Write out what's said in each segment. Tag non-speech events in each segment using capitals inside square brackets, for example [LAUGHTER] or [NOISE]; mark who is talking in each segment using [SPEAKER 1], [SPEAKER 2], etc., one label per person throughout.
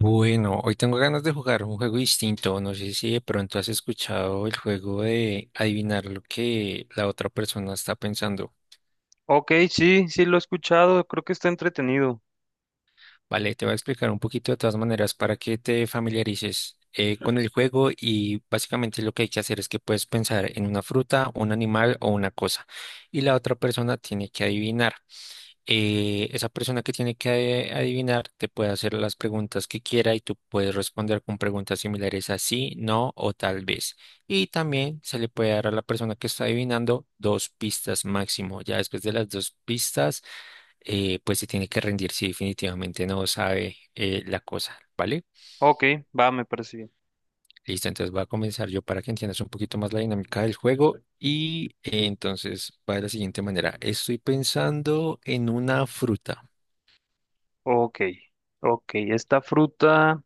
[SPEAKER 1] Bueno, hoy tengo ganas de jugar un juego distinto. No sé si de pronto has escuchado el juego de adivinar lo que la otra persona está pensando.
[SPEAKER 2] Ok, sí, sí lo he escuchado, creo que está entretenido.
[SPEAKER 1] Vale, te voy a explicar un poquito de todas maneras para que te familiarices con el juego y básicamente lo que hay que hacer es que puedes pensar en una fruta, un animal o una cosa y la otra persona tiene que adivinar. Esa persona que tiene que adivinar te puede hacer las preguntas que quiera y tú puedes responder con preguntas similares a sí, no o tal vez. Y también se le puede dar a la persona que está adivinando dos pistas máximo. Ya después de las dos pistas, pues se tiene que rendir si definitivamente no sabe la cosa, ¿vale?
[SPEAKER 2] Ok, va, me parece bien.
[SPEAKER 1] Listo, entonces voy a comenzar yo para que entiendas un poquito más la dinámica del juego y entonces va de la siguiente manera. Estoy pensando en una fruta.
[SPEAKER 2] Ok, ok,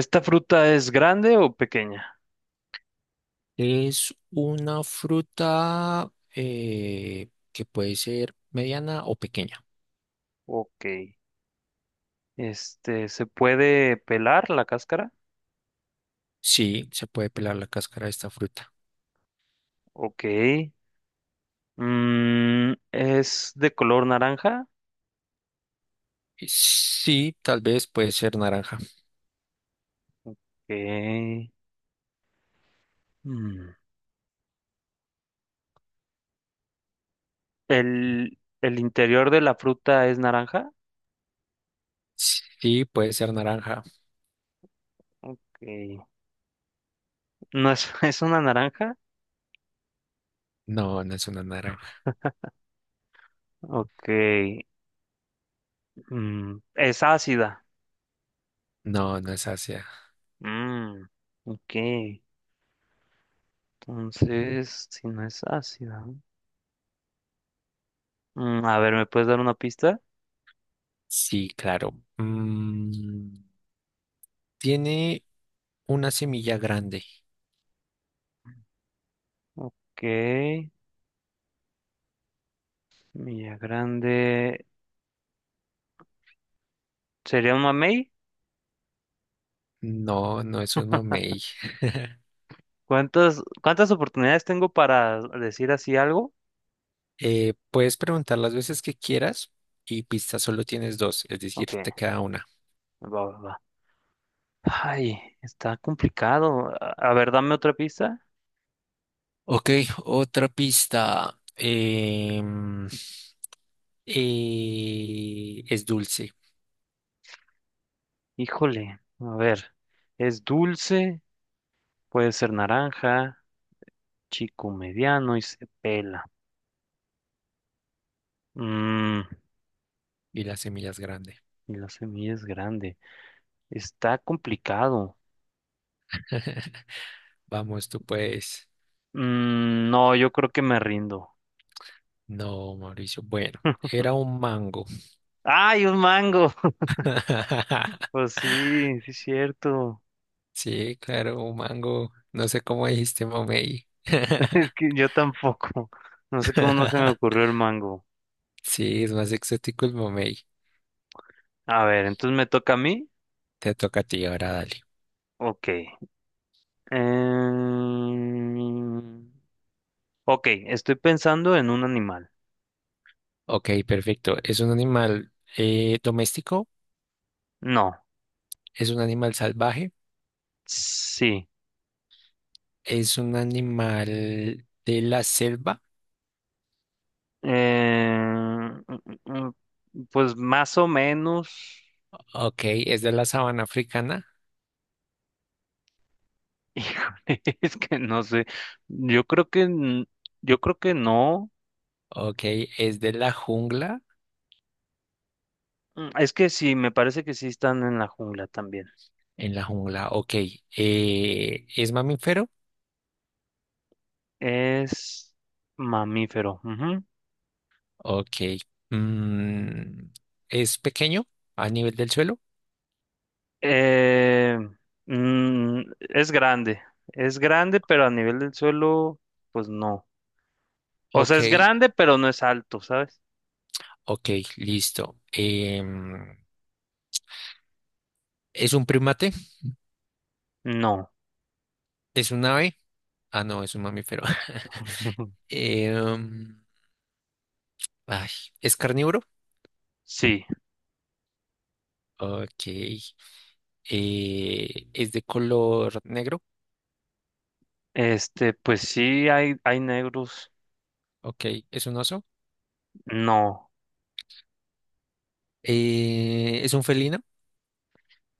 [SPEAKER 2] ¿esta fruta es grande o pequeña?
[SPEAKER 1] Es una fruta que puede ser mediana o pequeña.
[SPEAKER 2] Ok, ¿se puede pelar la cáscara?
[SPEAKER 1] Sí, se puede pelar la cáscara de esta fruta.
[SPEAKER 2] Ok, ¿es de color naranja?
[SPEAKER 1] Sí, tal vez puede ser naranja.
[SPEAKER 2] Ok, mm, ¿el interior de la fruta es naranja?
[SPEAKER 1] Sí, puede ser naranja.
[SPEAKER 2] Ok, ¿no es, [LAUGHS] ¿es una naranja?
[SPEAKER 1] No, no es una naranja.
[SPEAKER 2] Ok, ¿es ácida?
[SPEAKER 1] No, no es ácida.
[SPEAKER 2] Mm, ok. Entonces, si no es ácida. A ver, ¿me puedes dar una pista?
[SPEAKER 1] Sí, claro. Mm, tiene una semilla grande.
[SPEAKER 2] Ok. Milla Grande. ¿Sería un mamey?
[SPEAKER 1] No, no es un mamey.
[SPEAKER 2] ¿Cuántas oportunidades tengo para decir así algo?
[SPEAKER 1] Puedes preguntar las veces que quieras y pistas solo tienes dos, es decir,
[SPEAKER 2] Ok,
[SPEAKER 1] te queda una.
[SPEAKER 2] va, va, va. Ay, está complicado. A ver, dame otra pista.
[SPEAKER 1] Ok, otra pista. Es dulce
[SPEAKER 2] Híjole, a ver. Es dulce, puede ser naranja, chico mediano y se pela. Mm,
[SPEAKER 1] y las semillas grandes.
[SPEAKER 2] y la semilla es grande. Está complicado.
[SPEAKER 1] [LAUGHS] Vamos, tú puedes.
[SPEAKER 2] No, yo creo que me rindo.
[SPEAKER 1] No, Mauricio. Bueno, era un mango.
[SPEAKER 2] ¡Ay, un mango! [LAUGHS]
[SPEAKER 1] [LAUGHS]
[SPEAKER 2] Pues sí, sí es cierto.
[SPEAKER 1] Sí, claro, un mango. No sé cómo dijiste mamey.
[SPEAKER 2] [LAUGHS] Es que yo tampoco. No sé cómo no se me
[SPEAKER 1] [LAUGHS]
[SPEAKER 2] ocurrió el mango.
[SPEAKER 1] Sí, es más exótico el mamey.
[SPEAKER 2] A ver, entonces me toca a mí.
[SPEAKER 1] Te toca a ti, ahora dale.
[SPEAKER 2] Ok. Em, Ok, estoy pensando en un animal.
[SPEAKER 1] Ok, perfecto. ¿Es un animal doméstico?
[SPEAKER 2] No,
[SPEAKER 1] ¿Es un animal salvaje?
[SPEAKER 2] sí.
[SPEAKER 1] Es un animal de la selva.
[SPEAKER 2] Em, mm, mm, mm, Pues más o menos.
[SPEAKER 1] Ok, es de la sabana africana.
[SPEAKER 2] Híjole, [LAUGHS] es que no sé. Yo creo que, n- yo creo que no.
[SPEAKER 1] Ok, es de la jungla,
[SPEAKER 2] Es que sí, me parece que sí están en la jungla también.
[SPEAKER 1] en la jungla. Ok, es mamífero.
[SPEAKER 2] Es mamífero. Ujú.
[SPEAKER 1] Ok, mm, es pequeño a nivel del suelo.
[SPEAKER 2] Eh, es grande. Es grande, pero a nivel del suelo, pues no. O sea,
[SPEAKER 1] Ok,
[SPEAKER 2] es grande, pero no es alto, ¿sabes?
[SPEAKER 1] ok, listo. Es un primate,
[SPEAKER 2] No.
[SPEAKER 1] es un ave, ah, no, es un mamífero. [LAUGHS]
[SPEAKER 2] [LAUGHS]
[SPEAKER 1] Em, Ay, es carnívoro.
[SPEAKER 2] Sí.
[SPEAKER 1] Ok, es de color negro.
[SPEAKER 2] Pues sí, hay negros.
[SPEAKER 1] Ok, es un oso.
[SPEAKER 2] No,
[SPEAKER 1] Es un felino.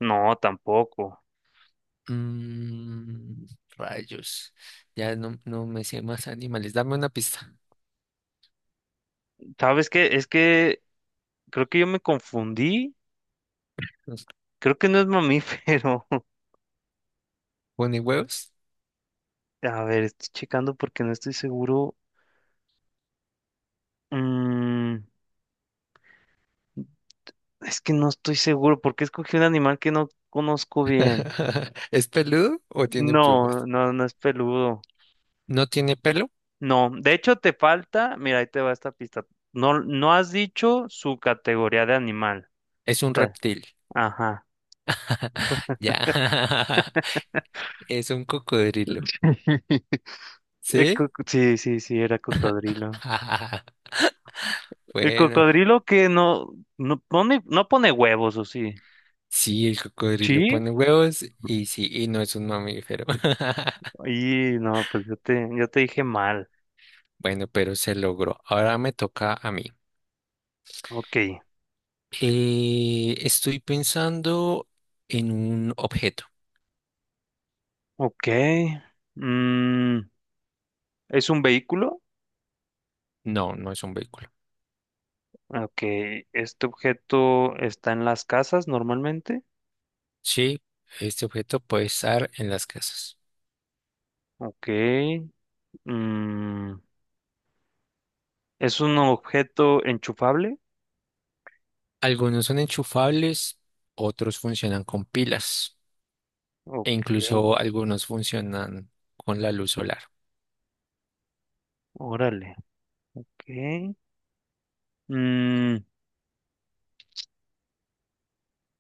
[SPEAKER 2] no, tampoco.
[SPEAKER 1] Mm, rayos. Ya no, no me sé más animales. Dame una pista.
[SPEAKER 2] ¿Sabes qué? Es que creo que yo me confundí. Creo que no es mamífero. [LAUGHS]
[SPEAKER 1] ¿Pone huevos?
[SPEAKER 2] A ver, estoy checando porque no estoy seguro. Mm, es que no estoy seguro porque escogí un animal que no conozco bien.
[SPEAKER 1] [LAUGHS] ¿Es peludo o tiene
[SPEAKER 2] No,
[SPEAKER 1] plumas?
[SPEAKER 2] no, no es peludo.
[SPEAKER 1] No tiene pelo.
[SPEAKER 2] No, de hecho te falta, mira, ahí te va esta pista. No, no has dicho su categoría de animal.
[SPEAKER 1] Es
[SPEAKER 2] O
[SPEAKER 1] un
[SPEAKER 2] sea,
[SPEAKER 1] reptil.
[SPEAKER 2] ajá.
[SPEAKER 1] [LAUGHS] Ya. [LAUGHS] Es un cocodrilo.
[SPEAKER 2] [LAUGHS]
[SPEAKER 1] ¿Sí?
[SPEAKER 2] Sí, sí, sí, era cocodrilo.
[SPEAKER 1] [LAUGHS]
[SPEAKER 2] El
[SPEAKER 1] Bueno.
[SPEAKER 2] cocodrilo que no pone huevos, ¿o sí?
[SPEAKER 1] Sí, el cocodrilo
[SPEAKER 2] ¿Sí?
[SPEAKER 1] pone huevos y sí, y no es un mamífero. [LAUGHS]
[SPEAKER 2] Y no, pues yo te dije mal.
[SPEAKER 1] Bueno, pero se logró. Ahora me toca a mí.
[SPEAKER 2] Ok,
[SPEAKER 1] Estoy pensando en un objeto.
[SPEAKER 2] ok. Mm, ¿Es un vehículo?
[SPEAKER 1] No, no es un vehículo.
[SPEAKER 2] Ok, este objeto está en las casas normalmente.
[SPEAKER 1] Sí, este objeto puede estar en las casas.
[SPEAKER 2] Ok. Mm, ¿Es un objeto enchufable?
[SPEAKER 1] Algunos son enchufables, otros funcionan con pilas
[SPEAKER 2] Ok,
[SPEAKER 1] e incluso algunos funcionan con la luz solar.
[SPEAKER 2] órale. Ok. Mm,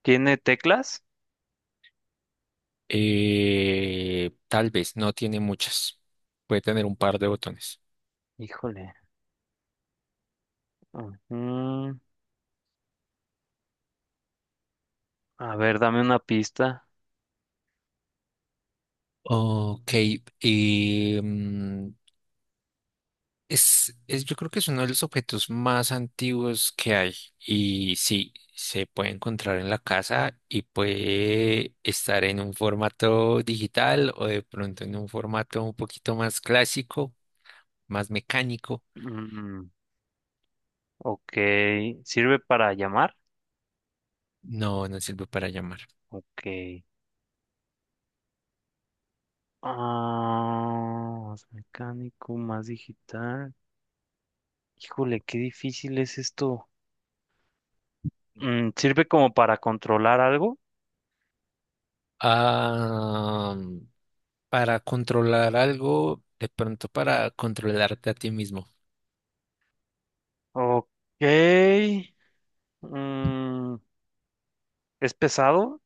[SPEAKER 2] ¿Tiene teclas?
[SPEAKER 1] Tal vez no tiene muchas. Puede tener un par de botones.
[SPEAKER 2] Híjole. Ujú. A ver, dame una pista.
[SPEAKER 1] Ok, em, es, yo creo que es uno de los objetos más antiguos que hay y sí, se puede encontrar en la casa y puede estar en un formato digital o de pronto en un formato un poquito más clásico, más mecánico.
[SPEAKER 2] Mm, ok, ¿sirve para llamar?
[SPEAKER 1] No, no sirve para llamar.
[SPEAKER 2] Ok. Ah, más mecánico, más digital. Híjole, qué difícil es esto. ¿Sirve como para controlar algo?
[SPEAKER 1] Ah, para controlar algo, de pronto para controlarte a ti mismo.
[SPEAKER 2] Ok. Mm, ¿Es pesado?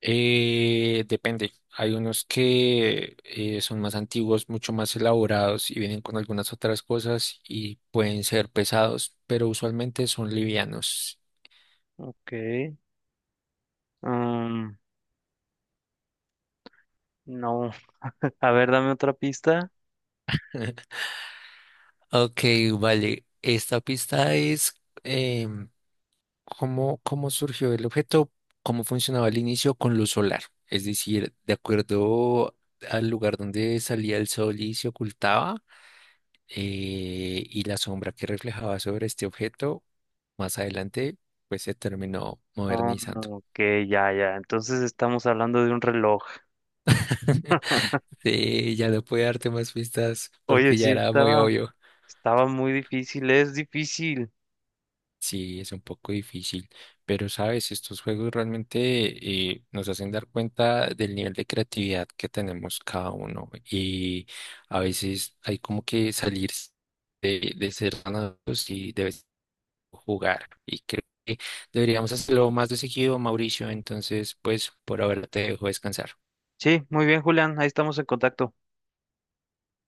[SPEAKER 1] Depende. Hay unos que son más antiguos, mucho más elaborados y vienen con algunas otras cosas y pueden ser pesados, pero usualmente son livianos.
[SPEAKER 2] Ok. Mm, no. [LAUGHS] A ver, dame otra pista.
[SPEAKER 1] Ok, vale. Esta pista es em, ¿cómo, cómo surgió el objeto? ¿Cómo funcionaba al inicio con luz solar? Es decir, de acuerdo al lugar donde salía el sol y se ocultaba, y la sombra que reflejaba sobre este objeto más adelante pues se terminó
[SPEAKER 2] Ah,
[SPEAKER 1] modernizando.
[SPEAKER 2] ok, ya, ya. Entonces estamos hablando de un reloj.
[SPEAKER 1] [LAUGHS] Sí, ya no pude darte más pistas
[SPEAKER 2] Oye,
[SPEAKER 1] porque ya
[SPEAKER 2] sí,
[SPEAKER 1] era muy
[SPEAKER 2] estaba,
[SPEAKER 1] obvio.
[SPEAKER 2] estaba muy difícil, es difícil.
[SPEAKER 1] Sí, es un poco difícil, pero sabes, estos juegos realmente nos hacen dar cuenta del nivel de creatividad que tenemos cada uno y a veces hay como que salir de ser ganados y de vez jugar. Y creo que deberíamos hacerlo más de seguido, Mauricio. Entonces, pues por ahora te dejo descansar.
[SPEAKER 2] Sí, muy bien, Julián, ahí estamos en contacto.